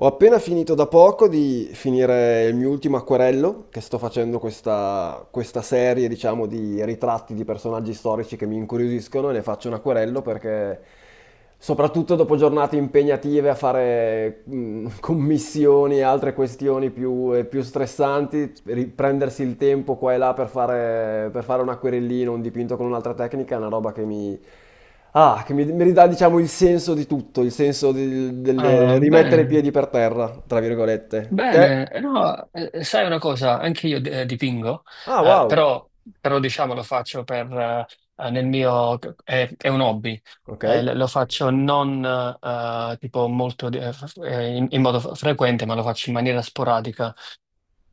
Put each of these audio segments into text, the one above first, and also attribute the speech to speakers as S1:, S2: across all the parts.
S1: Ho appena finito da poco di finire il mio ultimo acquerello, che sto facendo questa, questa serie, diciamo, di ritratti di personaggi storici che mi incuriosiscono e ne faccio un acquerello perché, soprattutto dopo giornate impegnative a fare commissioni e altre questioni più, più stressanti, prendersi il tempo qua e là per fare un acquerellino, un dipinto con un'altra tecnica è una roba che mi Ah, che mi ridà, diciamo, il senso di tutto, il senso del, del rimettere i
S2: Bene,
S1: piedi per terra, tra virgolette. Te?
S2: bene. No, sai una cosa, anche io dipingo.
S1: Ah,
S2: eh,
S1: wow.
S2: però, però diciamo lo faccio per, nel mio, è un hobby.
S1: Ok.
S2: Lo faccio non tipo molto, in modo frequente, ma lo faccio in maniera sporadica.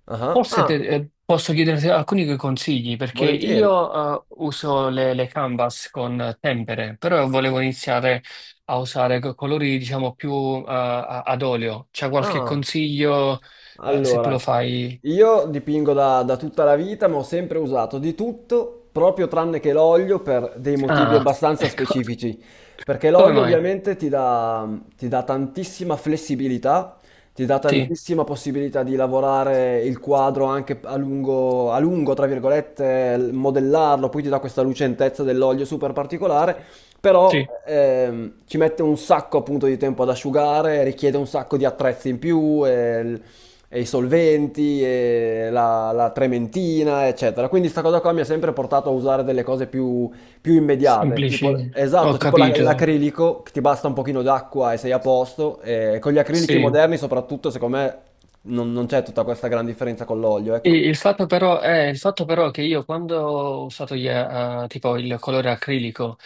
S1: Ah,
S2: Forse
S1: ah,
S2: posso chiederti alcuni consigli perché
S1: volentieri.
S2: io uso le canvas con tempere, però volevo iniziare a usare colori diciamo più ad olio. C'è qualche
S1: Ah.
S2: consiglio se te
S1: Allora,
S2: lo fai?
S1: io dipingo da, da tutta la vita, ma ho sempre usato di tutto, proprio tranne che l'olio, per dei motivi
S2: Ah,
S1: abbastanza
S2: ecco,
S1: specifici. Perché
S2: come
S1: l'olio
S2: mai?
S1: ovviamente ti dà tantissima flessibilità, ti dà
S2: Sì,
S1: tantissima possibilità di lavorare il quadro anche a lungo, tra virgolette, modellarlo, poi ti dà questa lucentezza dell'olio super particolare, però
S2: sì,
S1: ci mette un sacco appunto di tempo ad asciugare, richiede un sacco di attrezzi in più. E e i solventi, e la, la trementina, eccetera. Quindi sta cosa qua mi ha sempre portato a usare delle cose più, più immediate,
S2: semplici,
S1: tipo,
S2: ho
S1: esatto, tipo
S2: capito.
S1: l'acrilico, che ti basta un pochino d'acqua e sei a posto, e con gli acrilici
S2: Sì.
S1: moderni soprattutto, secondo me, non c'è tutta questa gran differenza con l'olio,
S2: Sì,
S1: ecco.
S2: Il fatto però che io quando ho usato gli, tipo il colore acrilico,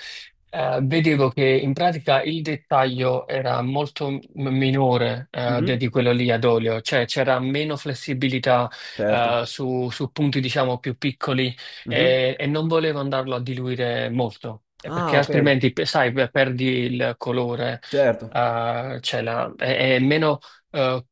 S2: vedevo che in pratica il dettaglio era molto minore
S1: Mhm.
S2: di quello lì ad olio, cioè c'era meno flessibilità
S1: Certo.
S2: su punti diciamo più piccoli
S1: Mhm.
S2: e non volevo andarlo a diluire molto,
S1: Ah,
S2: perché
S1: ok,
S2: altrimenti sai, perdi il colore,
S1: certo.
S2: cioè è meno, eh,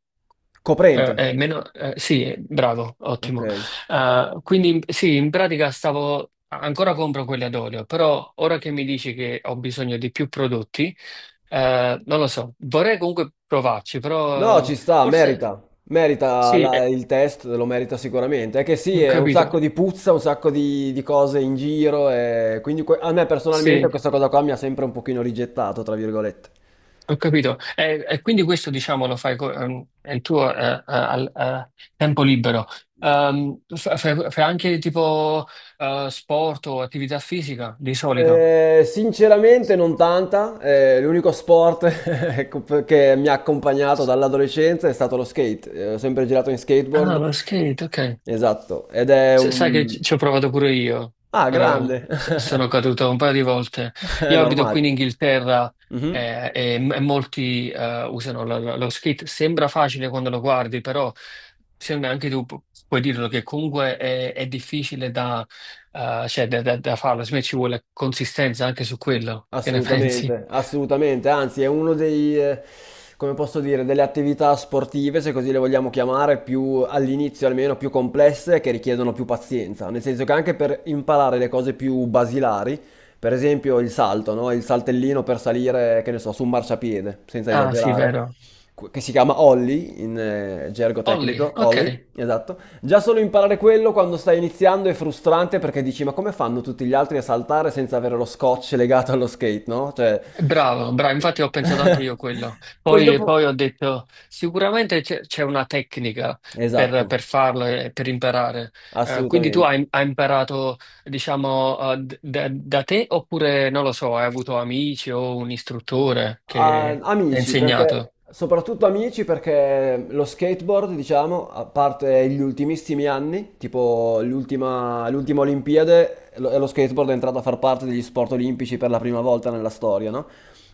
S1: Coprente,
S2: meno, sì, bravo,
S1: ok.
S2: ottimo. Sì, in pratica stavo ancora compro quelle ad olio, però ora che mi dici che ho bisogno di più prodotti, non lo so, vorrei comunque provarci,
S1: No,
S2: però
S1: ci sta,
S2: forse
S1: merita. Merita
S2: sì,
S1: il test, lo merita sicuramente. È che sì,
S2: ho
S1: è un sacco
S2: capito,
S1: di puzza, un sacco di cose in giro e quindi a me personalmente
S2: sì,
S1: questa cosa qua mi ha sempre un pochino rigettato, tra virgolette.
S2: ho capito. E quindi questo diciamo lo fai, è il tuo, al tempo libero. Fai anche tipo sport o attività fisica di solito?
S1: Sinceramente non tanta, l'unico sport ecco, che mi ha accompagnato dall'adolescenza è stato lo skate. Ho sempre girato in
S2: Ah,
S1: skateboard.
S2: lo skate, ok.
S1: Esatto, ed è
S2: Sai che
S1: un...
S2: ci ho provato pure io,
S1: Ah,
S2: però
S1: grande,
S2: sono caduto un paio di volte.
S1: è
S2: Io abito qui
S1: normale.
S2: in Inghilterra,
S1: Mhm.
S2: e, e molti usano lo skate. Sembra facile quando lo guardi, però secondo me anche tu puoi dirlo che comunque è difficile da, cioè, da farlo. Secondo me ci vuole consistenza anche su quello. Che ne pensi?
S1: Assolutamente, assolutamente, anzi è uno dei, come posso dire, delle attività sportive, se così le vogliamo chiamare, più all'inizio almeno più complesse che richiedono più pazienza, nel senso che anche per imparare le cose più basilari, per esempio il salto, no? Il saltellino per salire, che ne so, su un marciapiede, senza
S2: Ah, sì,
S1: esagerare,
S2: vero.
S1: che si chiama ollie in gergo
S2: Ollie,
S1: tecnico,
S2: ok.
S1: ollie, esatto. Già solo imparare quello quando stai iniziando è frustrante perché dici ma come fanno tutti gli altri a saltare senza avere lo scotch legato allo skate, no? Cioè...
S2: Bravo, bravo, infatti ho pensato anche io quello.
S1: Poi
S2: Poi,
S1: dopo...
S2: poi ho detto, sicuramente c'è una tecnica per,
S1: Esatto,
S2: per farlo e per imparare. Quindi tu
S1: assolutamente.
S2: hai imparato, diciamo, da te oppure, non lo so, hai avuto amici o un istruttore che ti ha
S1: Amici,
S2: insegnato?
S1: perché, soprattutto amici, perché lo skateboard, diciamo, a parte gli ultimissimi anni, tipo l'ultima, l'ultima Olimpiade, lo skateboard è entrato a far parte degli sport olimpici per la prima volta nella storia, no?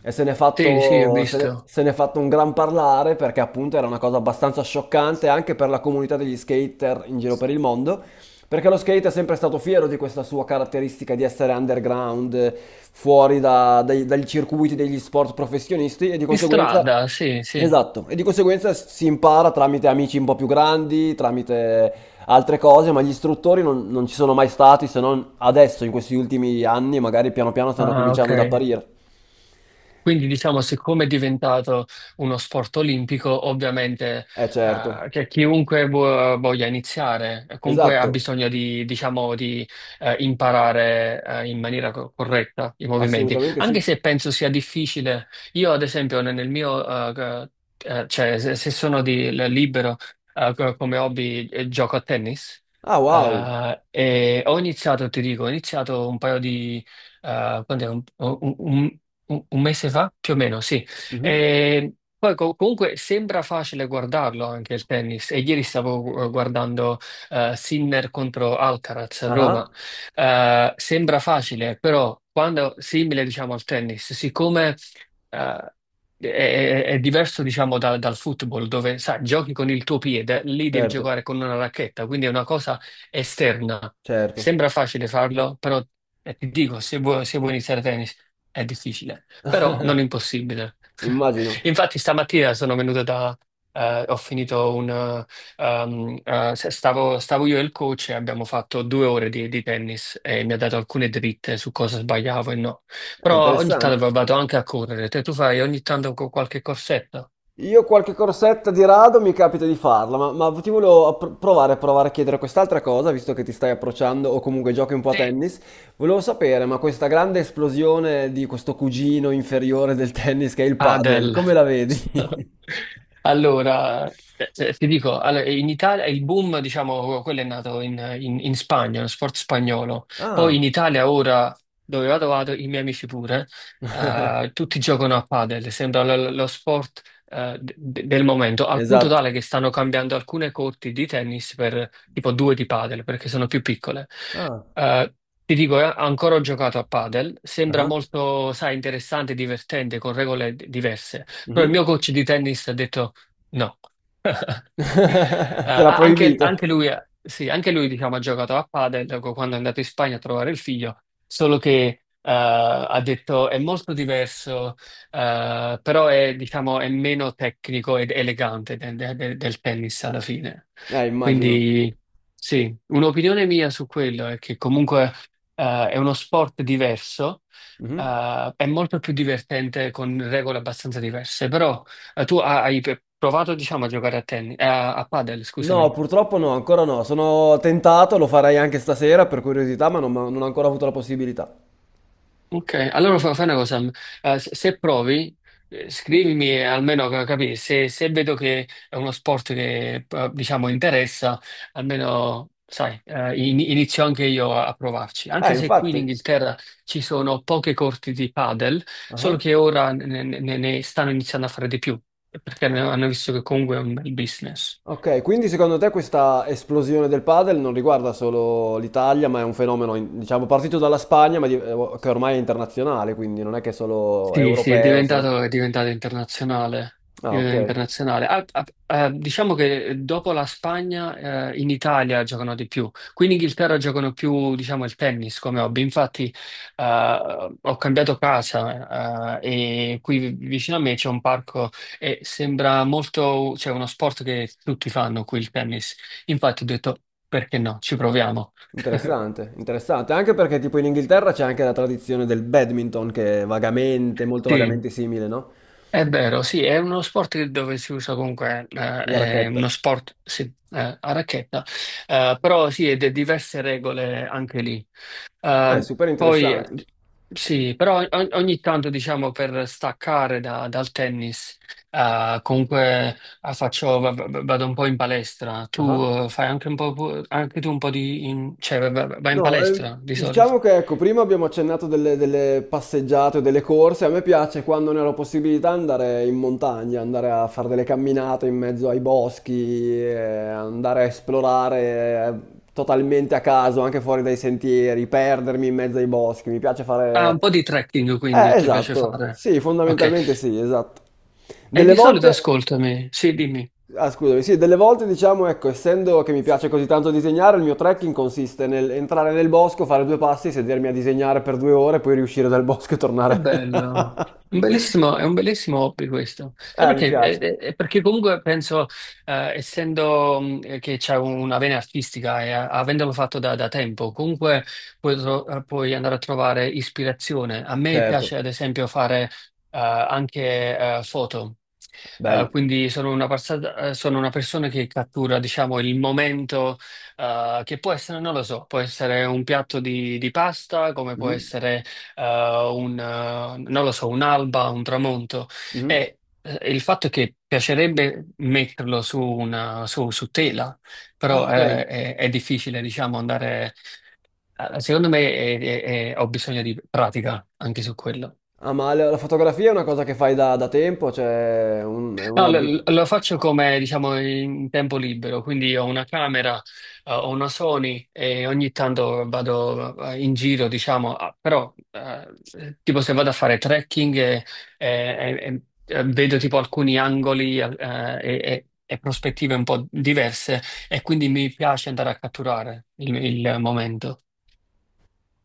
S1: E se ne è
S2: Sì, sì, ho
S1: fatto,
S2: visto.
S1: se ne è fatto un gran parlare perché appunto era una cosa abbastanza scioccante anche per la comunità degli skater in giro per il mondo. Perché lo skate è sempre stato fiero di questa sua caratteristica di essere underground, fuori dai, dagli circuiti degli sport professionisti e di
S2: In
S1: conseguenza...
S2: strada, sì, sì.
S1: Esatto, e di conseguenza si impara tramite amici un po' più grandi, tramite altre cose, ma gli istruttori non ci sono mai stati se non adesso, in questi ultimi anni, magari piano piano stanno
S2: Ah, ok.
S1: cominciando ad apparire.
S2: Quindi diciamo, siccome è diventato uno sport olimpico, ovviamente,
S1: Eh certo,
S2: che chiunque voglia iniziare, comunque ha
S1: esatto,
S2: bisogno di, diciamo, di imparare in maniera corretta i movimenti,
S1: assolutamente sì.
S2: anche se penso sia difficile. Io, ad esempio, nel mio, eh, cioè, se sono libero, come hobby, gioco a tennis.
S1: Ah, wow.
S2: E ho iniziato, ti dico, ho iniziato un paio, quant'è, un mese fa, più o meno, sì.
S1: Mhm.
S2: E poi comunque sembra facile guardarlo anche il tennis. E ieri stavo guardando Sinner contro Alcaraz a
S1: Ah,
S2: Roma. Sembra facile, però quando simile, diciamo, al tennis, siccome eh, è diverso, diciamo, dal football, dove sai, giochi con il tuo piede, lì devi
S1: certo,
S2: giocare con una racchetta, quindi è una cosa esterna.
S1: certo,
S2: Sembra facile farlo, però ti dico, se vuoi iniziare a tennis è difficile, però non impossibile.
S1: immagino.
S2: Infatti stamattina sono venuto da... ho finito un... um, se- stavo io e il coach e abbiamo fatto 2 ore di tennis e mi ha dato alcune dritte su cosa sbagliavo e no.
S1: È
S2: Però ogni
S1: interessante.
S2: tanto vado anche a correre. Te tu fai ogni tanto qualche corsetto?
S1: Io qualche corsetta di rado mi capita di farla, ma ti volevo provare a provare a chiedere quest'altra cosa, visto che ti stai approcciando o comunque giochi un po' a
S2: Sì,
S1: tennis. Volevo sapere, ma questa grande esplosione di questo cugino inferiore del tennis che è il padel,
S2: Adele.
S1: come la vedi?
S2: Allora, ti dico, allora, in Italia il boom, diciamo, quello è nato in, in Spagna, lo sport spagnolo. Poi in
S1: Ah,
S2: Italia ora, dove vado, vado, i miei amici pure, tutti giocano a padel, sembra lo sport, del momento, al punto
S1: esatto.
S2: tale che stanno cambiando alcune corti di tennis per tipo due di padel, perché sono più piccole.
S1: Ah,
S2: Eh, ti dico, ancora ho giocato a padel, sembra
S1: ah,
S2: molto, sai, interessante, divertente, con regole diverse, però il
S1: mhm.
S2: mio coach di tennis ha detto no. Eh,
S1: Te l'ha
S2: ah, anche,
S1: proibito?
S2: anche lui, sì, anche lui diciamo, ha giocato a padel dopo quando è andato in Spagna a trovare il figlio, solo che ha detto è molto diverso, però è, diciamo, è meno tecnico ed elegante del tennis alla fine.
S1: Immagino.
S2: Quindi sì, un'opinione mia su quello è che comunque è uno sport diverso,
S1: Mhm.
S2: è molto più divertente con regole abbastanza diverse, però... Tu hai provato, diciamo, a giocare a tennis, a padel,
S1: No,
S2: scusami.
S1: purtroppo no, ancora no. Sono tentato, lo farei anche stasera per curiosità, ma non ho ancora avuto la possibilità.
S2: Ok, allora fai una cosa, se provi, scrivimi, almeno capire se vedo che è uno sport che, diciamo, interessa, almeno, sai, inizio anche io a provarci. Anche se qui in
S1: Infatti.
S2: Inghilterra ci sono poche corti di padel, solo
S1: Ah.
S2: che ora ne stanno iniziando a fare di più, perché hanno visto che comunque è un bel business.
S1: Ok, quindi secondo te questa esplosione del padel non riguarda solo l'Italia, ma è un fenomeno, diciamo, partito dalla Spagna, ma che ormai è internazionale, quindi non è che è solo
S2: Sì, sì,
S1: europeo, solo...
S2: è diventato internazionale. È
S1: Ah, ok.
S2: diventato internazionale. Ah, ah, diciamo che dopo la Spagna, in Italia giocano di più. Qui in Inghilterra giocano più, diciamo, il tennis come hobby. Infatti, ho cambiato casa, e qui vicino a me c'è un parco e sembra molto, cioè, uno sport che tutti fanno qui, il tennis. Infatti ho detto, perché no, ci proviamo.
S1: Interessante, interessante. Anche perché tipo in Inghilterra c'è anche la tradizione del badminton che è vagamente, molto
S2: Sì.
S1: vagamente simile, no?
S2: È vero, sì, è uno sport dove si usa comunque,
S1: La
S2: è
S1: racchetta.
S2: uno sport, sì, a racchetta, però sì, ed è diverse regole anche lì.
S1: Ah, è
S2: Eh,
S1: super
S2: poi,
S1: interessante.
S2: sì, però ogni tanto, diciamo, per staccare dal tennis, comunque vado un po' in palestra.
S1: Ah.
S2: Tu, fai anche un po', anche tu un po' di, cioè, vai in
S1: No,
S2: palestra di solito?
S1: diciamo che ecco, prima abbiamo accennato delle, delle passeggiate o delle corse. A me piace quando ne ho la possibilità andare in montagna, andare a fare delle camminate in mezzo ai boschi, andare a esplorare totalmente a caso, anche fuori dai sentieri, perdermi in mezzo ai boschi. Mi piace
S2: Ah, un
S1: fare.
S2: po' di trekking, quindi, ti piace
S1: Esatto.
S2: fare?
S1: Sì,
S2: Ok.
S1: fondamentalmente sì, esatto.
S2: E
S1: Delle
S2: di solito
S1: volte...
S2: ascoltami, sì, dimmi.
S1: Ah, scusami, sì, delle volte diciamo, ecco, essendo che mi piace così tanto disegnare, il mio trekking consiste nel entrare nel bosco, fare due passi, sedermi a disegnare per 2 ore, poi riuscire dal bosco e
S2: Che
S1: tornare.
S2: bello, è un bellissimo hobby questo. Sai
S1: Mi
S2: perché?
S1: piace.
S2: Perché comunque penso, essendo, che c'è una vena artistica e avendolo fatto da tempo, comunque puoi, puoi andare a trovare ispirazione. A me
S1: Certo,
S2: piace ad esempio fare anche foto. Eh,
S1: bello.
S2: quindi sono una persona che cattura, diciamo, il momento, che può essere, non lo so, può essere un piatto di pasta, come può
S1: Mhm,
S2: essere, eh, non lo so, un'alba, un tramonto.
S1: mhm.
S2: E il fatto è che piacerebbe metterlo su, su tela,
S1: Ah,
S2: però
S1: ok.
S2: è difficile, diciamo, andare... Secondo me ho bisogno di pratica anche su quello.
S1: Ah, ma la fotografia è una cosa che fai da, da tempo, cioè è un
S2: No, lo,
S1: hobby.
S2: lo faccio come, diciamo, in tempo libero, quindi ho una camera, ho una Sony e ogni tanto vado in giro, diciamo, ah, però tipo se vado a fare trekking e- e, vedo tipo alcuni angoli, e prospettive un po' diverse e quindi mi piace andare a catturare il momento.